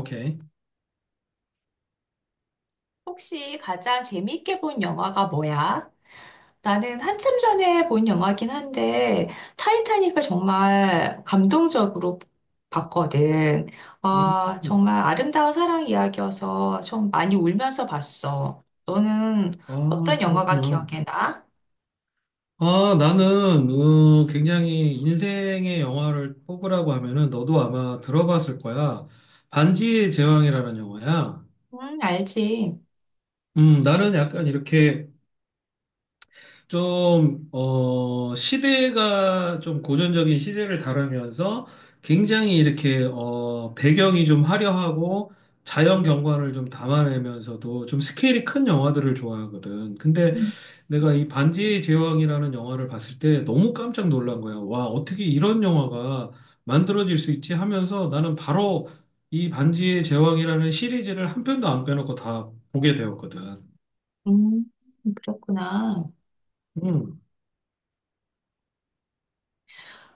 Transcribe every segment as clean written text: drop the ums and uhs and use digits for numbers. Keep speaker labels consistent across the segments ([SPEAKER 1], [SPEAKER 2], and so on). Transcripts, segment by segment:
[SPEAKER 1] 오케이.
[SPEAKER 2] 혹시 가장 재밌게 본 영화가 뭐야? 나는 한참 전에 본 영화긴 한데, 타이타닉을 정말 감동적으로 봤거든.
[SPEAKER 1] 음.
[SPEAKER 2] 아, 정말 아름다운 사랑 이야기여서 좀 많이 울면서 봤어. 너는
[SPEAKER 1] 아,
[SPEAKER 2] 어떤 영화가
[SPEAKER 1] 그렇구나.
[SPEAKER 2] 기억에 나?
[SPEAKER 1] 아, 나는 굉장히 인생의 영화를 뽑으라고 하면은 너도 아마 들어봤을 거야. 반지의 제왕이라는 영화야.
[SPEAKER 2] 응, 알지.
[SPEAKER 1] 나는 약간 이렇게 좀, 시대가 좀 고전적인 시대를 다루면서 굉장히 이렇게, 배경이 좀 화려하고 자연 경관을 좀 담아내면서도 좀 스케일이 큰 영화들을 좋아하거든. 근데
[SPEAKER 2] 음,
[SPEAKER 1] 내가 이 반지의 제왕이라는 영화를 봤을 때 너무 깜짝 놀란 거야. 와, 어떻게 이런 영화가 만들어질 수 있지 하면서 나는 바로 이 반지의 제왕이라는 시리즈를 한 편도 안 빼놓고 다 보게 되었거든.
[SPEAKER 2] 음, 그렇구나.
[SPEAKER 1] 음.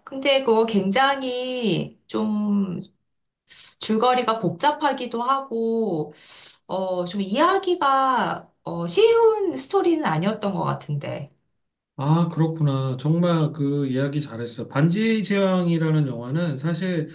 [SPEAKER 2] 근데 그거 굉장히 좀 줄거리가 복잡하기도 하고, 좀 이야기가 쉬운 스토리는 아니었던 것 같은데.
[SPEAKER 1] 아, 그렇구나. 정말 그 이야기 잘했어. 반지의 제왕이라는 영화는 사실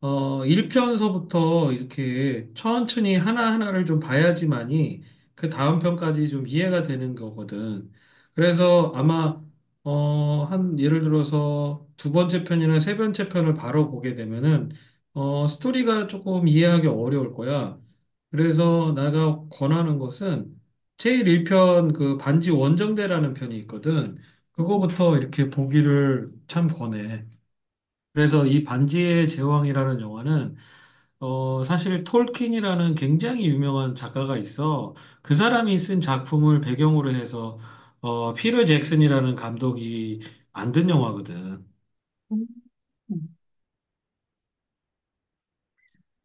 [SPEAKER 1] 1편서부터 이렇게 천천히 하나하나를 좀 봐야지만이 그 다음 편까지 좀 이해가 되는 거거든. 그래서 아마, 한, 예를 들어서 두 번째 편이나 세 번째 편을 바로 보게 되면은, 스토리가 조금 이해하기 어려울 거야. 그래서 내가 권하는 것은 제일 1편 그 반지 원정대라는 편이 있거든.
[SPEAKER 2] 음,
[SPEAKER 1] 그거부터 이렇게 보기를 참 권해. 그래서 이 반지의 제왕이라는 영화는 사실 톨킨이라는 굉장히 유명한 작가가 있어. 그 사람이 쓴 작품을 배경으로 해서 피터 잭슨이라는 감독이 만든 영화거든.
[SPEAKER 2] 음, 음.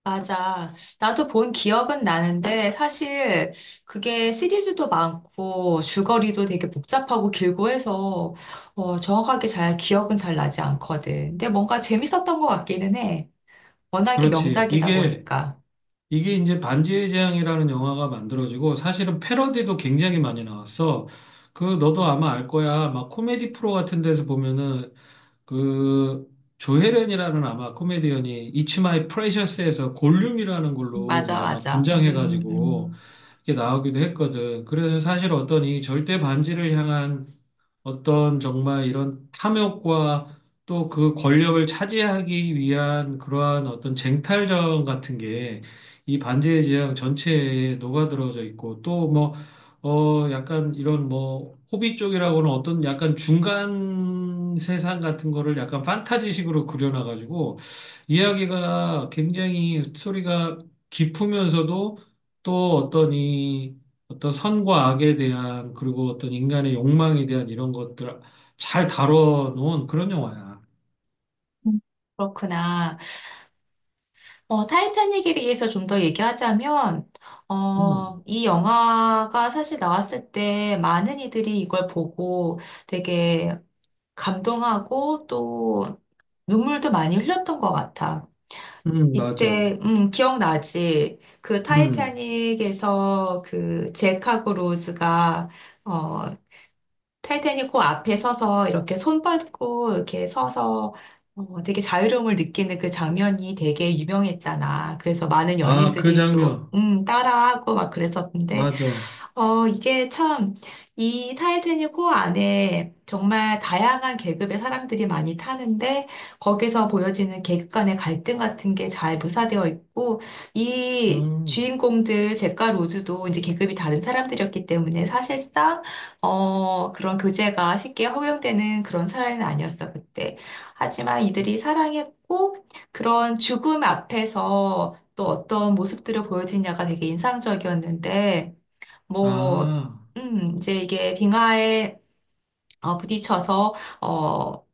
[SPEAKER 2] 맞아. 나도 본 기억은 나는데 사실 그게 시리즈도 많고 줄거리도 되게 복잡하고 길고 해서 정확하게 잘 기억은 잘 나지 않거든. 근데 뭔가 재밌었던 것 같기는 해. 워낙에
[SPEAKER 1] 그렇지.
[SPEAKER 2] 명작이다
[SPEAKER 1] 이게
[SPEAKER 2] 보니까.
[SPEAKER 1] 이게 이제 반지의 제왕이라는 영화가 만들어지고 사실은 패러디도 굉장히 많이 나왔어. 그 너도 아마 알 거야. 막 코미디 프로 같은 데서 보면은 그 조혜련이라는 아마 코미디언이 It's My Precious에서 골룸이라는 걸로
[SPEAKER 2] 맞아,
[SPEAKER 1] 막
[SPEAKER 2] 맞아.
[SPEAKER 1] 분장해가지고 이렇게 나오기도 했거든. 그래서 사실 어떤 이 절대 반지를 향한 어떤 정말 이런 탐욕과 또 그 권력을 차지하기 위한 그러한 어떤 쟁탈전 같은 게 이 반지의 제왕 전체에 녹아들어져 있고 또 뭐, 약간 이런 뭐, 호비 쪽이라고는 어떤 약간 중간 세상 같은 거를 약간 판타지식으로 그려놔가지고 이야기가 굉장히 스토리가 깊으면서도 또 어떤 이 어떤 선과 악에 대한 그리고 어떤 인간의 욕망에 대한 이런 것들 잘 다뤄놓은 그런 영화야.
[SPEAKER 2] 음. 그렇구나. 타이타닉에 대해서 좀 더 얘기하자면,
[SPEAKER 1] 음,
[SPEAKER 2] 이 영화가 사실 나왔을 때 많은 이들이 이걸 보고 되게 감동하고 또 눈물도 많이 흘렸던 것 같아.
[SPEAKER 1] 맞아.
[SPEAKER 2] 이때, 기억나지? 그
[SPEAKER 1] 음,
[SPEAKER 2] 타이타닉에서 그 잭 하고 로즈가, 어, 타이타닉 호 앞에 서서 이렇게 손 뻗고 이렇게 서서 되게 자유로움을 느끼는 그 장면이 되게 유명했잖아. 그래서 많은
[SPEAKER 1] 아, 그
[SPEAKER 2] 연인들이 또,
[SPEAKER 1] 장면,
[SPEAKER 2] 따라하고 막 그랬었는데,
[SPEAKER 1] 맞아.
[SPEAKER 2] 이게 참, 이 타이타닉 호 안에 정말 다양한 계급의 사람들이 많이 타는데, 거기서 보여지는 계급 간의 갈등 같은 게 잘 묘사되어 있고, 이
[SPEAKER 1] 음,
[SPEAKER 2] 주인공들, 잭과 로즈도 이제 계급이 다른 사람들이었기 때문에 사실상, 그런 교제가 쉽게 허용되는 그런 사회는 아니었어, 그때. 하지만 이들이 사랑했고, 그런 죽음 앞에서 또 어떤 모습들을 보여지냐가 되게 인상적이었는데, 뭐,
[SPEAKER 1] 아,
[SPEAKER 2] 이제 이게 빙하에 부딪혀서, 어,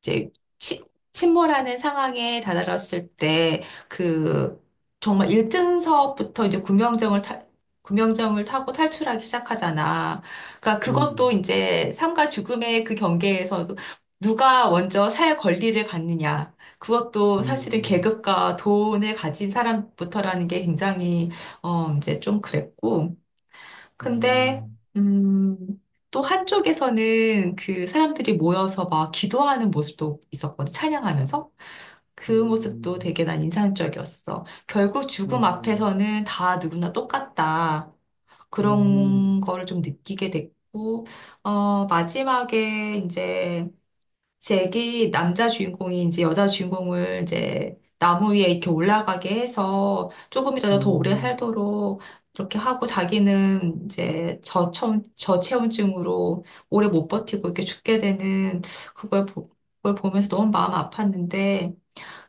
[SPEAKER 2] 이제 치- 침몰하는 상황에 다다랐을 때, 그, 정말 1등석부터 이제 구명정을 타고 탈출하기 시작하잖아. 그러니까 그것도
[SPEAKER 1] 음,
[SPEAKER 2] 이제 삶과 죽음의 그 경계에서도 누가 먼저 살 권리를 갖느냐. 그것도 사실은
[SPEAKER 1] 음,
[SPEAKER 2] 계급과 돈을 가진 사람부터라는 게 굉장히, 이제 좀 그랬고. 근데,
[SPEAKER 1] 음,
[SPEAKER 2] 음, 또 한쪽에서는 그 사람들이 모여서 막 기도하는 모습도 있었거든, 찬양하면서. 그 모습도
[SPEAKER 1] 음,
[SPEAKER 2] 되게 난 인상적이었어. 결국 죽음
[SPEAKER 1] 음,
[SPEAKER 2] 앞에서는 다 누구나 똑같다.
[SPEAKER 1] 음,
[SPEAKER 2] 그런 거를 좀 느끼게 됐고, 마지막에 이제 잭이 남자 주인공이 이제 여자 주인공을 이제 나무 위에 이렇게 올라가게 해서 조금이라도 더 오래
[SPEAKER 1] 음,
[SPEAKER 2] 살도록 이렇게 하고 자기는 이제 저체온증으로 오래 못 버티고 이렇게 죽게 되는 그걸, 보, 그걸 보면서 너무 마음 아팠는데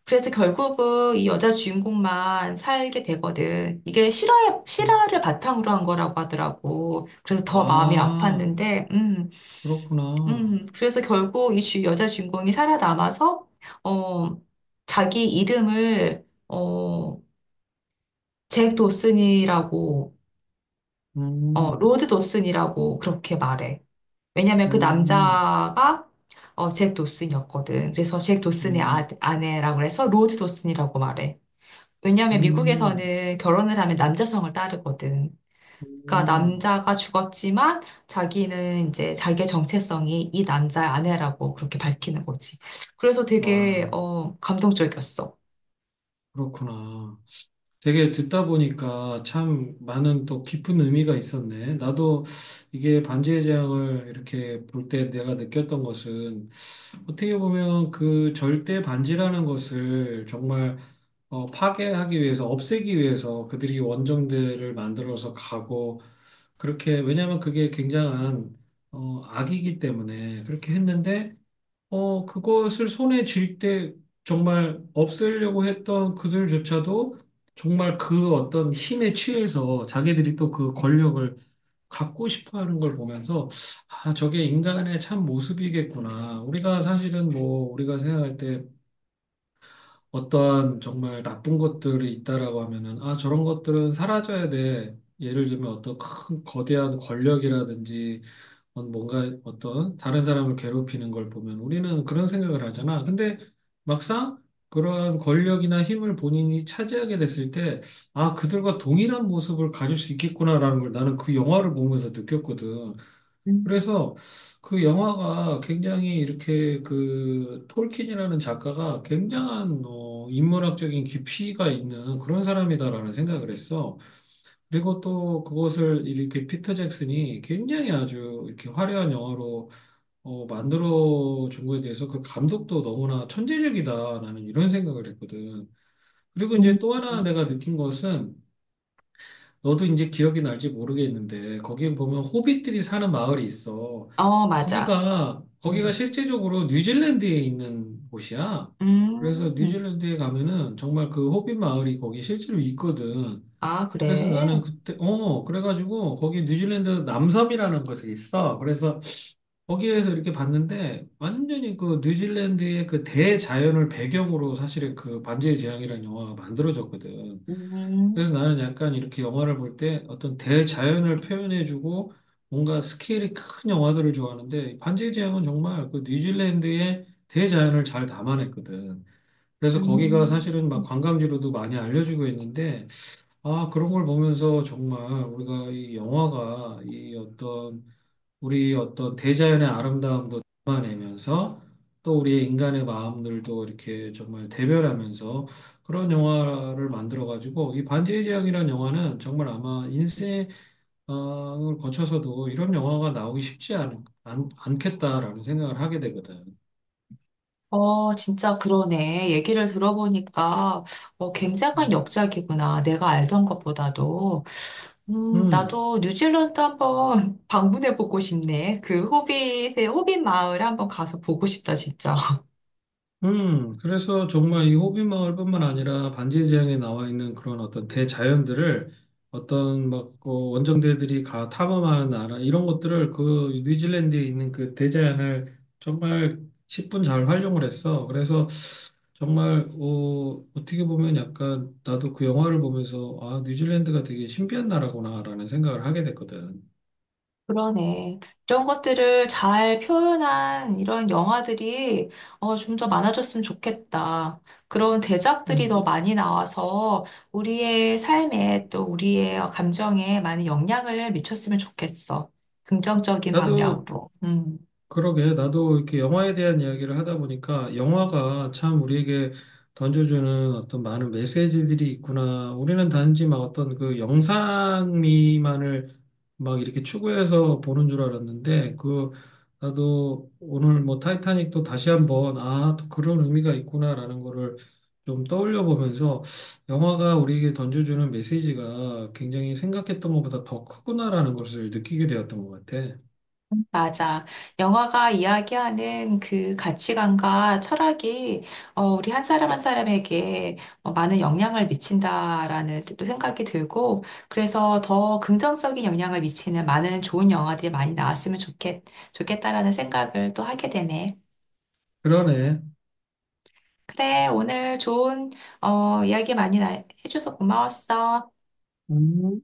[SPEAKER 2] 그래서 결국은 이 여자 주인공만 살게 되거든. 이게
[SPEAKER 1] 음.
[SPEAKER 2] 실화를 바탕으로 한 거라고 하더라고. 그래서 더 마음이
[SPEAKER 1] 아,
[SPEAKER 2] 아팠는데,
[SPEAKER 1] 그렇구나.
[SPEAKER 2] 그래서 결국 이 여자 주인공이 살아남아서, 어, 자기 이름을, 잭 도슨이라고,
[SPEAKER 1] 음,
[SPEAKER 2] 로즈 도슨이라고 그렇게 말해. 왜냐면 그
[SPEAKER 1] 음,
[SPEAKER 2] 남자가, 잭 도슨이었거든. 그래서 잭 도슨의
[SPEAKER 1] 음,
[SPEAKER 2] 아내라고 해서 로즈 도슨이라고 말해. 왜냐면
[SPEAKER 1] 음,
[SPEAKER 2] 미국에서는 결혼을 하면 남자성을 따르거든. 그러니까
[SPEAKER 1] 음,
[SPEAKER 2] 남자가 죽었지만 자기는 이제 자기의 정체성이 이 남자의 아내라고 그렇게 밝히는 거지. 그래서 되게
[SPEAKER 1] 와,
[SPEAKER 2] 감동적이었어.
[SPEAKER 1] 그렇구나. 되게 듣다 보니까 참 많은 또 깊은 의미가 있었네. 나도 이게 반지의 제왕을 이렇게 볼 때 내가 느꼈던 것은 어떻게 보면 그 절대 반지라는 것을 정말 파괴하기 위해서, 없애기 위해서 그들이 원정대를 만들어서 가고 그렇게, 왜냐하면 그게 굉장한 악이기 때문에 그렇게 했는데 그것을 손에 쥘 때 정말 없애려고 했던 그들조차도 정말 그 어떤 힘에 취해서 자기들이 또 그 권력을 갖고 싶어 하는 걸 보면서 아, 저게 인간의 참 모습이겠구나. 우리가 사실은 뭐 우리가 생각할 때 어떤 정말 나쁜 것들이 있다라고 하면은 아, 저런 것들은 사라져야 돼. 예를 들면 어떤 큰 거대한 권력이라든지 뭔가 어떤 다른 사람을 괴롭히는 걸 보면 우리는 그런 생각을 하잖아. 근데 막상 그러한 권력이나 힘을 본인이 차지하게 됐을 때, 아, 그들과 동일한 모습을 가질 수 있겠구나라는 걸 나는 그 영화를 보면서 느꼈거든.
[SPEAKER 2] 음,
[SPEAKER 1] 그래서 그 영화가 굉장히 이렇게 그 톨킨이라는 작가가 굉장한 인문학적인 깊이가 있는 그런 사람이다라는 생각을 했어. 그리고 또 그것을 이렇게 피터 잭슨이 굉장히 아주 이렇게 화려한 영화로 만들어 준 거에 대해서 그 감독도 너무나 천재적이다. 나는 이런 생각을 했거든. 그리고
[SPEAKER 2] 음,
[SPEAKER 1] 이제 또 하나 내가 느낀 것은 너도 이제 기억이 날지 모르겠는데 거기 보면 호빗들이 사는 마을이 있어.
[SPEAKER 2] 맞아.
[SPEAKER 1] 거기가
[SPEAKER 2] 음.
[SPEAKER 1] 실제적으로 뉴질랜드에 있는 곳이야. 그래서
[SPEAKER 2] 음.
[SPEAKER 1] 뉴질랜드에 가면은 정말 그 호빗 마을이 거기 실제로 있거든.
[SPEAKER 2] 아,
[SPEAKER 1] 그래서
[SPEAKER 2] 그래?
[SPEAKER 1] 나는 그때, 그래가지고 거기 뉴질랜드 남섬이라는 곳이 있어. 그래서 거기에서 이렇게 봤는데 완전히 그 뉴질랜드의 그 대자연을 배경으로 사실은 그 반지의 제왕이라는 영화가 만들어졌거든.
[SPEAKER 2] 음.
[SPEAKER 1] 그래서 나는 약간 이렇게 영화를 볼 때 어떤 대자연을 표현해주고 뭔가 스케일이 큰 영화들을 좋아하는데 반지의 제왕은 정말 그 뉴질랜드의 대자연을 잘 담아냈거든. 그래서 거기가
[SPEAKER 2] 음.
[SPEAKER 1] 사실은 막 관광지로도 많이 알려지고 있는데 아, 그런 걸 보면서 정말 우리가 이 영화가 이 어떤 우리 어떤 대자연의 아름다움도 담아내면서 또 우리의 인간의 마음들도 이렇게 정말 대별하면서 그런 영화를 만들어가지고 이 반지의 제왕이라는 영화는 정말 아마 인생을 거쳐서도 이런 영화가 나오기 쉽지 않겠다라는 생각을 하게 되거든.
[SPEAKER 2] 진짜 그러네. 얘기를 들어보니까, 굉장한
[SPEAKER 1] 음.
[SPEAKER 2] 역작이구나. 내가 알던 것보다도.
[SPEAKER 1] 음.
[SPEAKER 2] 나도 뉴질랜드 한번 방문해보고 싶네. 그 호빗 마을 한번 가서 보고 싶다, 진짜.
[SPEAKER 1] 그래서 정말 이 호빗마을뿐만 아니라 반지의 제왕에 나와 있는 그런 어떤 대자연들을 어떤 막 원정대들이 가 탐험하는 나라 이런 것들을 그 뉴질랜드에 있는 그 대자연을 정말 10분 잘 활용을 했어. 그래서 정말 어떻게 보면 약간 나도 그 영화를 보면서 아, 뉴질랜드가 되게 신비한 나라구나라는 생각을 하게 됐거든.
[SPEAKER 2] 그러네. 이런 것들을 잘 표현한 이런 영화들이 좀더 많아졌으면 좋겠다. 그런 대작들이 더
[SPEAKER 1] 음.
[SPEAKER 2] 많이 나와서 우리의 삶에 또 우리의 감정에 많은 영향을 미쳤으면 좋겠어. 긍정적인
[SPEAKER 1] 나도
[SPEAKER 2] 방향으로. 음.
[SPEAKER 1] 그러게, 나도 이렇게 영화에 대한 이야기를 하다 보니까 영화가 참 우리에게 던져주는 어떤 많은 메시지들이 있구나. 우리는 단지 막 어떤 그 영상미만을 막 이렇게 추구해서 보는 줄 알았는데, 그, 나도 오늘 뭐 타이타닉도 다시 한번, 아, 또 그런 의미가 있구나라는 거를 좀 떠올려 보면서 영화가 우리에게 던져주는 메시지가 굉장히 생각했던 것보다 더 크구나라는 것을 느끼게 되었던 것 같아.
[SPEAKER 2] 맞아. 영화가 이야기하는 그 가치관과 철학이 우리 한 사람 한 사람에게 많은 영향을 미친다라는 또 생각이 들고 그래서 더 긍정적인 영향을 미치는 많은 좋은 영화들이 많이 나왔으면 좋겠다라는 생각을 또 하게 되네.
[SPEAKER 1] 그러네.
[SPEAKER 2] 그래, 오늘 좋은 이야기 많이 해줘서 고마웠어.
[SPEAKER 1] 음.